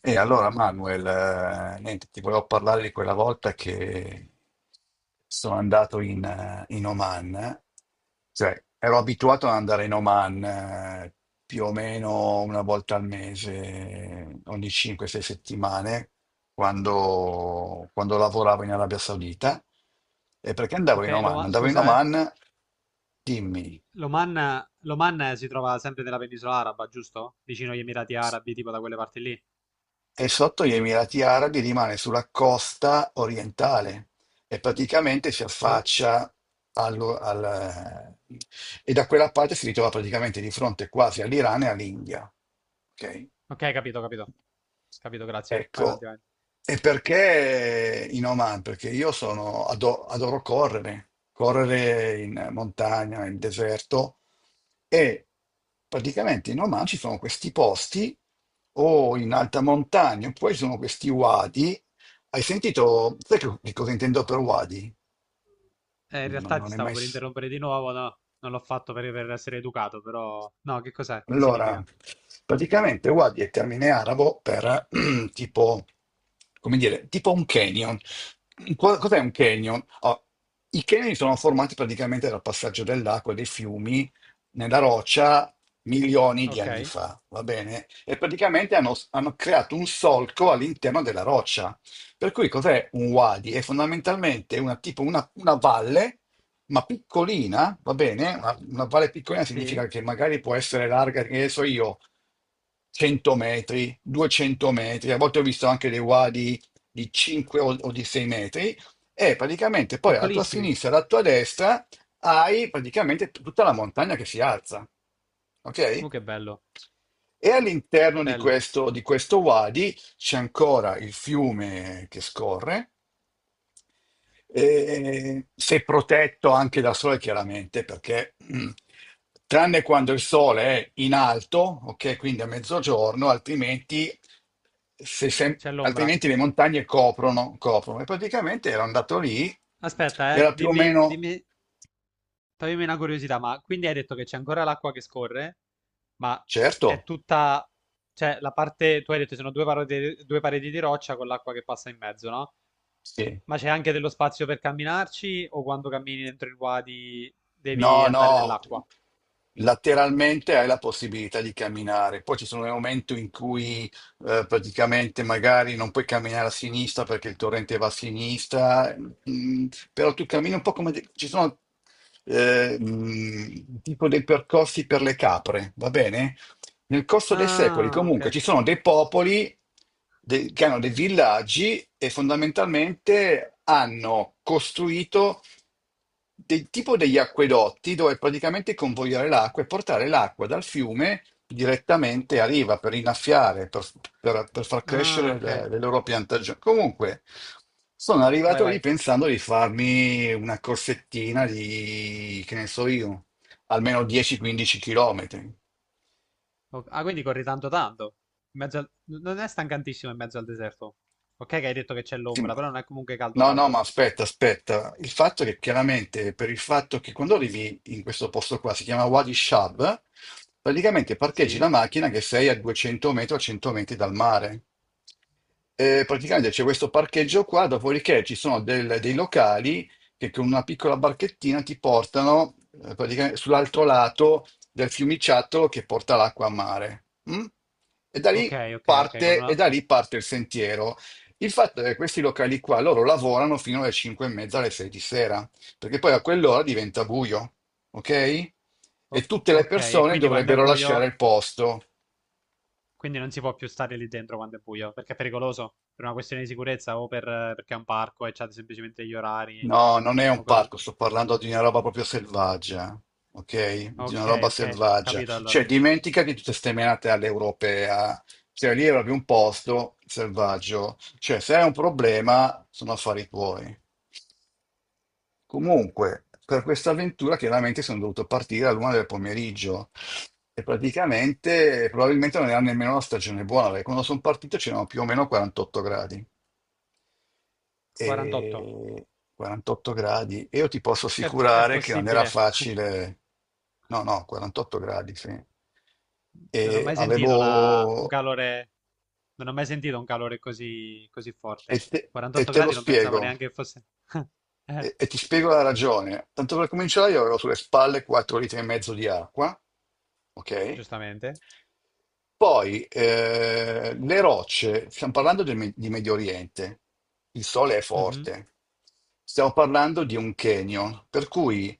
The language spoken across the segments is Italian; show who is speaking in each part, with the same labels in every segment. Speaker 1: E allora Manuel, niente, ti volevo parlare di quella volta che sono andato in Oman. Cioè ero abituato ad andare in Oman, più o meno una volta al mese, ogni 5-6 settimane, quando lavoravo in Arabia Saudita. E perché andavo
Speaker 2: Ok,
Speaker 1: in Oman?
Speaker 2: Loma-
Speaker 1: Andavo in
Speaker 2: scusa,
Speaker 1: Oman, dimmi.
Speaker 2: L'Oman, l'Oman, si trova sempre nella penisola araba, giusto? Vicino agli Emirati Arabi, tipo da quelle parti lì.
Speaker 1: E sotto gli Emirati Arabi rimane sulla costa orientale e praticamente si
Speaker 2: O-
Speaker 1: affaccia allo- al- eh, e da quella parte si ritrova praticamente di fronte quasi all'Iran e all'India. Ok?
Speaker 2: ok, capito, capito. Capito, grazie. Vai avanti,
Speaker 1: Ecco,
Speaker 2: vai.
Speaker 1: e perché in Oman? Perché io sono, adoro correre, correre in montagna, in deserto e praticamente in Oman ci sono questi posti o in alta montagna, oppure ci sono questi wadi. Hai sentito, di cosa intendo per wadi?
Speaker 2: In
Speaker 1: Non,
Speaker 2: realtà ti
Speaker 1: non è
Speaker 2: stavo
Speaker 1: mai...
Speaker 2: per
Speaker 1: s-
Speaker 2: interrompere di nuovo, no? Non l'ho fatto per essere educato, però... No, che cos'è? Che
Speaker 1: Allora,
Speaker 2: significa?
Speaker 1: praticamente Wadi è termine arabo per tipo, come dire, tipo un canyon. Cos'è un canyon? Oh, i canyon sono formati praticamente dal passaggio dell'acqua e dei fiumi nella roccia milioni di
Speaker 2: Ok,
Speaker 1: anni fa, va bene? E praticamente hanno creato un solco all'interno della roccia. Per cui cos'è un wadi? È fondamentalmente tipo una valle ma piccolina, va bene? Una valle piccolina
Speaker 2: sì.
Speaker 1: significa che magari può essere larga, che ne so io, 100 metri, 200 metri, a volte ho visto anche dei wadi di 5 o di 6 metri, e praticamente poi alla tua
Speaker 2: Piccolissimi.
Speaker 1: sinistra e alla tua destra hai praticamente tutta la montagna che si alza, ok?
Speaker 2: Che bello.
Speaker 1: E all'interno
Speaker 2: Bello.
Speaker 1: di questo wadi c'è ancora il fiume che scorre, e sei protetto anche dal sole, chiaramente, perché tranne quando il sole è in alto, ok, quindi a mezzogiorno, altrimenti, se sem-
Speaker 2: C'è l'ombra.
Speaker 1: altrimenti le montagne coprono, coprono. E praticamente ero andato lì,
Speaker 2: Aspetta, eh.
Speaker 1: era più o
Speaker 2: Dimmi,
Speaker 1: meno,
Speaker 2: dimmi, toglimi una curiosità, ma quindi hai detto che c'è ancora l'acqua che scorre, ma
Speaker 1: certo,
Speaker 2: è tutta, cioè la parte, tu hai detto ci sono due parodi- due pareti, di roccia con l'acqua che passa in mezzo, no?
Speaker 1: sì.
Speaker 2: Ma c'è anche dello spazio per camminarci o quando cammini dentro il wadi
Speaker 1: No,
Speaker 2: devi andare
Speaker 1: no,
Speaker 2: nell'acqua?
Speaker 1: lateralmente hai la possibilità di camminare. Poi ci sono dei momenti in cui praticamente magari non puoi camminare a sinistra perché il torrente va a sinistra, mm, però tu cammini un po' ci sono eh, mm, tipo dei percorsi per le capre, va bene? Nel corso dei secoli
Speaker 2: Ah, ok.
Speaker 1: comunque ci sono dei popoli che hanno dei villaggi e fondamentalmente hanno costruito del tipo degli acquedotti dove praticamente convogliare l'acqua e portare l'acqua dal fiume direttamente a riva per innaffiare, per, per far
Speaker 2: Ah,
Speaker 1: crescere le,
Speaker 2: ok.
Speaker 1: le loro piantagioni. Comunque, sono
Speaker 2: Vai,
Speaker 1: arrivato lì
Speaker 2: vai.
Speaker 1: pensando di farmi una corsettina di, che ne so io, almeno 10-15 km.
Speaker 2: O- Ah, quindi corri tanto tanto. In mezzo al- Non è stancantissimo in mezzo al deserto? Ok che hai detto che c'è l'ombra, però non è comunque caldo
Speaker 1: No, no, ma
Speaker 2: caldo.
Speaker 1: aspetta, aspetta. Il fatto è che chiaramente per il fatto che quando arrivi in questo posto qua, si chiama Wadi Shab, praticamente parcheggi
Speaker 2: Sì?
Speaker 1: la macchina che sei a 200 metri o 100 metri dal mare. Praticamente c'è questo parcheggio qua, dopodiché ci sono dei locali che con una piccola barchettina ti portano praticamente sull'altro lato del fiumiciattolo che porta l'acqua a mare. Mm? E da
Speaker 2: Ok,
Speaker 1: lì
Speaker 2: ok, ok, con
Speaker 1: parte, e
Speaker 2: una,
Speaker 1: da lì parte il sentiero. Il fatto è che questi locali qua, loro lavorano fino alle 5 e mezza, alle 6 di sera, perché poi a quell'ora diventa buio, ok? E
Speaker 2: O-
Speaker 1: tutte le
Speaker 2: ok, e
Speaker 1: persone
Speaker 2: quindi quando è
Speaker 1: dovrebbero lasciare
Speaker 2: buio,
Speaker 1: il posto.
Speaker 2: quindi non si può più stare lì dentro quando è buio, perché è pericoloso, per una questione di sicurezza o per, perché è un parco e c'ha semplicemente gli orari.
Speaker 1: No, non è
Speaker 2: O
Speaker 1: un
Speaker 2: co-
Speaker 1: parco, sto parlando di una roba proprio selvaggia, ok? Di una roba
Speaker 2: ok, ok,
Speaker 1: selvaggia.
Speaker 2: capito
Speaker 1: Cioè,
Speaker 2: allora.
Speaker 1: dimenticati tutte ste menate all'europea. Cioè, lì è proprio un posto selvaggio. Cioè, se hai un problema, sono affari tuoi. Comunque, per questa avventura chiaramente sono dovuto partire all'una del pomeriggio e praticamente probabilmente non era nemmeno una stagione buona, perché quando sono partito c'erano più o meno 48 gradi.
Speaker 2: 48.
Speaker 1: E 48 gradi, e io ti posso
Speaker 2: È
Speaker 1: assicurare che non era
Speaker 2: possibile.
Speaker 1: facile. No, no, 48 gradi, sì.
Speaker 2: Non ho
Speaker 1: E
Speaker 2: mai sentito una- un
Speaker 1: avevo...
Speaker 2: calore, non ho mai sentito un calore così, così
Speaker 1: E
Speaker 2: forte.
Speaker 1: te, e
Speaker 2: 48
Speaker 1: te lo
Speaker 2: gradi non pensavo
Speaker 1: spiego.
Speaker 2: neanche che fosse... Eh,
Speaker 1: E ti spiego la ragione. Tanto per cominciare, io avevo sulle spalle 4 litri e mezzo di acqua, ok?
Speaker 2: giustamente.
Speaker 1: Poi le rocce, stiamo parlando di Medio Oriente, il sole è
Speaker 2: Mhm.
Speaker 1: forte, stiamo parlando di un canyon, per cui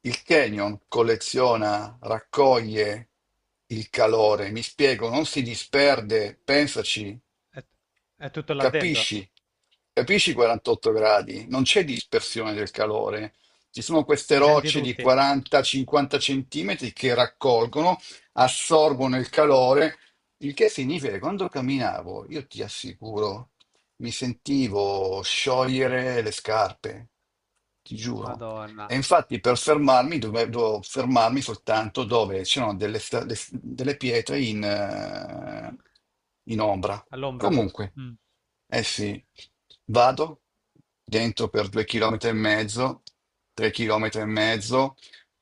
Speaker 1: il canyon colleziona, raccoglie il calore, mi spiego, non si disperde, pensaci.
Speaker 2: È, è tutto là dentro.
Speaker 1: Capisci? Capisci i 48 gradi? Non c'è dispersione del calore. Ci sono queste
Speaker 2: Li senti
Speaker 1: rocce di
Speaker 2: tutti?
Speaker 1: 40-50 centimetri che raccolgono, assorbono il calore, il che significa che quando camminavo, io ti assicuro, mi sentivo sciogliere le scarpe, ti giuro. E
Speaker 2: Madonna,
Speaker 1: infatti per fermarmi dovevo fermarmi soltanto dove c'erano delle pietre in ombra.
Speaker 2: all'ombra?
Speaker 1: Comunque,
Speaker 2: Mm.
Speaker 1: eh sì, vado dentro per 2 chilometri e mezzo, 3 chilometri e mezzo,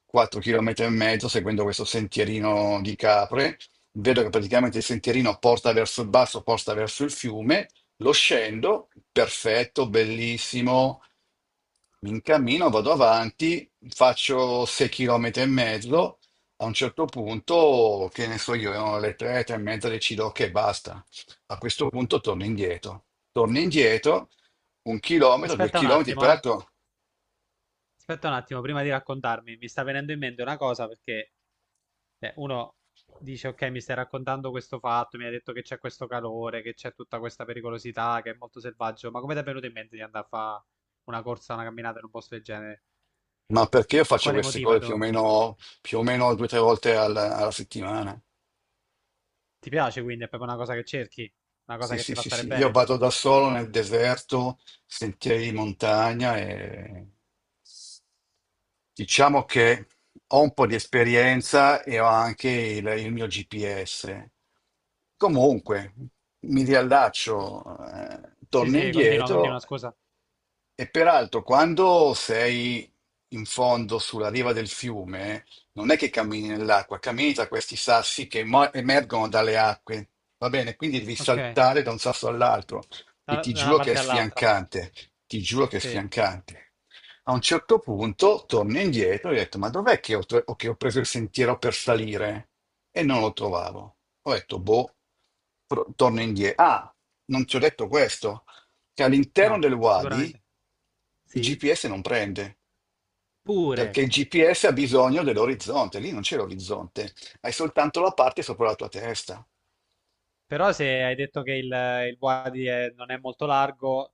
Speaker 1: 4 chilometri e mezzo, seguendo questo sentierino di capre. Vedo che praticamente il sentierino porta verso il basso, porta verso il fiume, lo scendo, perfetto, bellissimo. Mi incammino, vado avanti, faccio 6 km e mezzo. A un certo punto, che ne so io, erano le 3, 3 e mezza, decido che basta. A questo punto torno indietro. Torno indietro, 1 chilometro, due
Speaker 2: Aspetta un
Speaker 1: chilometri,
Speaker 2: attimo, eh.
Speaker 1: peraltro,
Speaker 2: Aspetta un attimo, prima di raccontarmi, mi sta venendo in mente una cosa perché uno dice, ok, mi stai raccontando questo fatto, mi hai detto che c'è questo calore, che c'è tutta questa pericolosità, che è molto selvaggio, ma come ti è venuto in mente di andare a fare una corsa, una camminata in un posto del genere?
Speaker 1: ma perché io
Speaker 2: Per
Speaker 1: faccio
Speaker 2: quale
Speaker 1: queste
Speaker 2: motivo?
Speaker 1: cose
Speaker 2: Hai dov-
Speaker 1: più o meno due o tre volte alla settimana?
Speaker 2: Ti piace quindi? È proprio una cosa che cerchi? Una cosa
Speaker 1: Sì,
Speaker 2: che
Speaker 1: sì,
Speaker 2: ti fa
Speaker 1: sì,
Speaker 2: stare
Speaker 1: sì. Io
Speaker 2: bene?
Speaker 1: vado da solo nel deserto, sentieri di montagna e diciamo che ho un po' di esperienza e ho anche il mio GPS. Comunque, mi riallaccio,
Speaker 2: Sì,
Speaker 1: torno
Speaker 2: sì, continua, continua,
Speaker 1: indietro
Speaker 2: scusa.
Speaker 1: e peraltro, quando sei in fondo sulla riva del fiume, non è che cammini nell'acqua, cammini tra questi sassi che emergono dalle acque, va bene? Quindi devi
Speaker 2: Ok,
Speaker 1: saltare da un sasso all'altro e
Speaker 2: da
Speaker 1: ti
Speaker 2: da una
Speaker 1: giuro che è
Speaker 2: parte all'altra.
Speaker 1: sfiancante, ti giuro che è
Speaker 2: Sì,
Speaker 1: sfiancante. A un certo punto torno indietro e ho detto, ma dov'è che che ho preso il sentiero per salire? E non lo trovavo. Ho detto, boh, torno indietro. Ah, non ti ho detto questo che all'interno
Speaker 2: no,
Speaker 1: del Wadi
Speaker 2: sicuramente.
Speaker 1: il
Speaker 2: Sì,
Speaker 1: GPS non prende,
Speaker 2: pure.
Speaker 1: perché il GPS ha bisogno dell'orizzonte, lì non c'è l'orizzonte, hai soltanto la parte sopra la tua testa.
Speaker 2: Però se hai detto che il Wadi è- non è molto largo,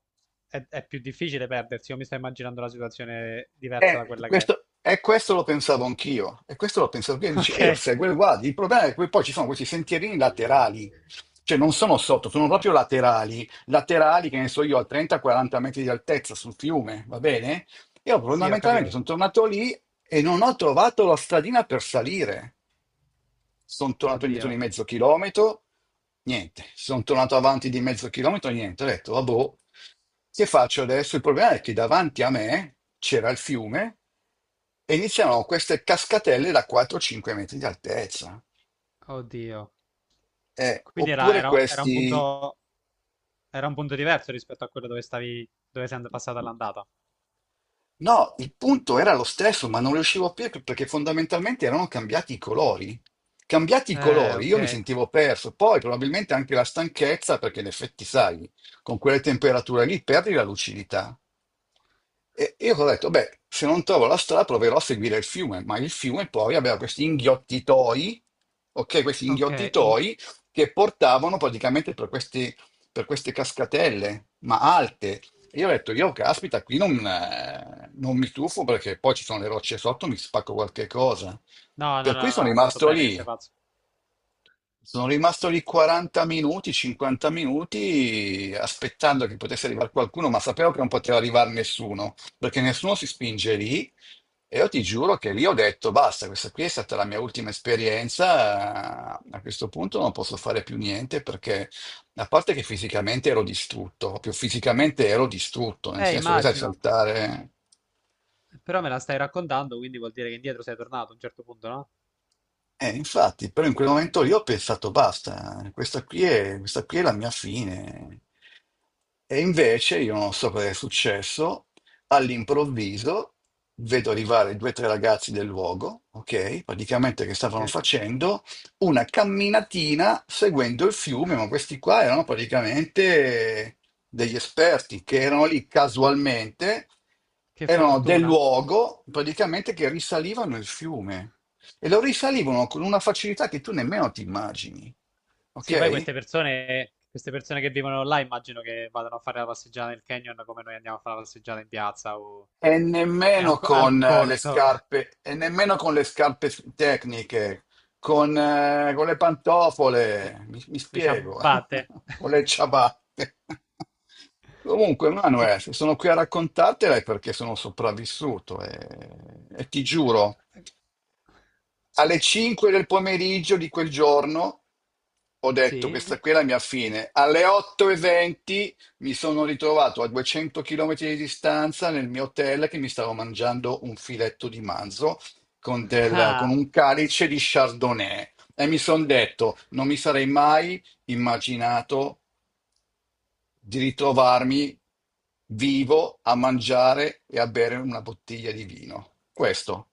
Speaker 2: è più difficile perdersi. Io mi sto immaginando una situazione diversa da
Speaker 1: E
Speaker 2: quella che è.
Speaker 1: questo, e questo lo pensavo anch'io, e questo lo pensavo anch'io, dici, e io seguo il guardi, il problema è che poi ci sono questi sentierini
Speaker 2: Ok?
Speaker 1: laterali, cioè non sono sotto, sono proprio laterali, laterali che ne so io a 30-40 metri di altezza sul fiume, va bene? Io
Speaker 2: Sì, ho
Speaker 1: fondamentalmente
Speaker 2: capito.
Speaker 1: sono tornato lì e non ho trovato la stradina per salire. Sono tornato indietro
Speaker 2: Oddio,
Speaker 1: di mezzo chilometro, niente, sono tornato avanti di mezzo chilometro, niente, ho detto, vabbè, che faccio adesso? Il problema è che davanti a me c'era il fiume e iniziano queste cascatelle da 4-5 metri di altezza.
Speaker 2: oddio.
Speaker 1: Eh,
Speaker 2: Quindi era,
Speaker 1: oppure
Speaker 2: era-
Speaker 1: questi.
Speaker 2: era un punto diverso rispetto a quello dove stavi, dove sei and- passata all'andata.
Speaker 1: No, il punto era lo stesso, ma non riuscivo a capire perché fondamentalmente erano cambiati i colori. Cambiati i colori,
Speaker 2: Ok,
Speaker 1: io mi sentivo perso. Poi probabilmente anche la stanchezza, perché in effetti, sai, con quelle temperature lì perdi la lucidità. E io ho detto, beh, se non trovo la strada proverò a seguire il fiume, ma il fiume poi aveva questi inghiottitoi, ok, questi
Speaker 2: ok. Mm.
Speaker 1: inghiottitoi che portavano praticamente per queste cascatelle, ma alte, io ho detto, io caspita, qui non mi tuffo perché poi ci sono le rocce sotto, mi spacco qualche cosa.
Speaker 2: No, no,
Speaker 1: Per
Speaker 2: no,
Speaker 1: cui sono
Speaker 2: no, hai fatto
Speaker 1: rimasto
Speaker 2: bene che
Speaker 1: lì.
Speaker 2: sei pazzo.
Speaker 1: Sono rimasto lì 40 minuti, 50 minuti, aspettando che potesse arrivare qualcuno, ma sapevo che non poteva arrivare nessuno, perché nessuno si spinge lì. E io ti giuro che lì ho detto, basta, questa qui è stata la mia ultima esperienza, a questo punto non posso fare più niente perché, a parte che fisicamente ero distrutto, proprio fisicamente ero distrutto, nel senso che sai
Speaker 2: Immagino.
Speaker 1: saltare...
Speaker 2: Però me la stai raccontando, quindi vuol dire che indietro sei tornato a un certo punto, no?
Speaker 1: Infatti, però in quel momento lì ho pensato basta, questa qui è la mia fine. E invece, io non so cosa è successo, all'improvviso vedo arrivare due o tre ragazzi del luogo, ok? Praticamente che stavano
Speaker 2: Che,
Speaker 1: facendo una camminatina seguendo il fiume, ma questi qua erano praticamente degli esperti che erano lì casualmente,
Speaker 2: che
Speaker 1: erano del
Speaker 2: fortuna.
Speaker 1: luogo, praticamente che risalivano il fiume. E lo risalivano con una facilità che tu nemmeno ti immagini,
Speaker 2: Sì, poi
Speaker 1: ok?
Speaker 2: queste persone che vivono là immagino che vadano a fare la passeggiata nel canyon come noi andiamo a fare la passeggiata in piazza o
Speaker 1: E
Speaker 2: al,
Speaker 1: nemmeno
Speaker 2: co- al
Speaker 1: con le
Speaker 2: corso,
Speaker 1: scarpe, e nemmeno con le scarpe tecniche, con le
Speaker 2: le,
Speaker 1: pantofole, mi
Speaker 2: le
Speaker 1: spiego,
Speaker 2: ciabatte.
Speaker 1: con le ciabatte. Comunque,
Speaker 2: E-
Speaker 1: Manuel, sono qui a raccontartela perché sono sopravvissuto e ti giuro.
Speaker 2: eh,
Speaker 1: Alle 5 del pomeriggio di quel giorno ho detto questa
Speaker 2: sì?
Speaker 1: qui è la mia fine. Alle 8.20 mi sono ritrovato a 200 km di distanza nel mio hotel che mi stavo mangiando un filetto di manzo con, del- con
Speaker 2: Ah.
Speaker 1: un calice di Chardonnay e mi sono detto non mi sarei mai immaginato di ritrovarmi vivo a mangiare e a bere una bottiglia di vino. Questo.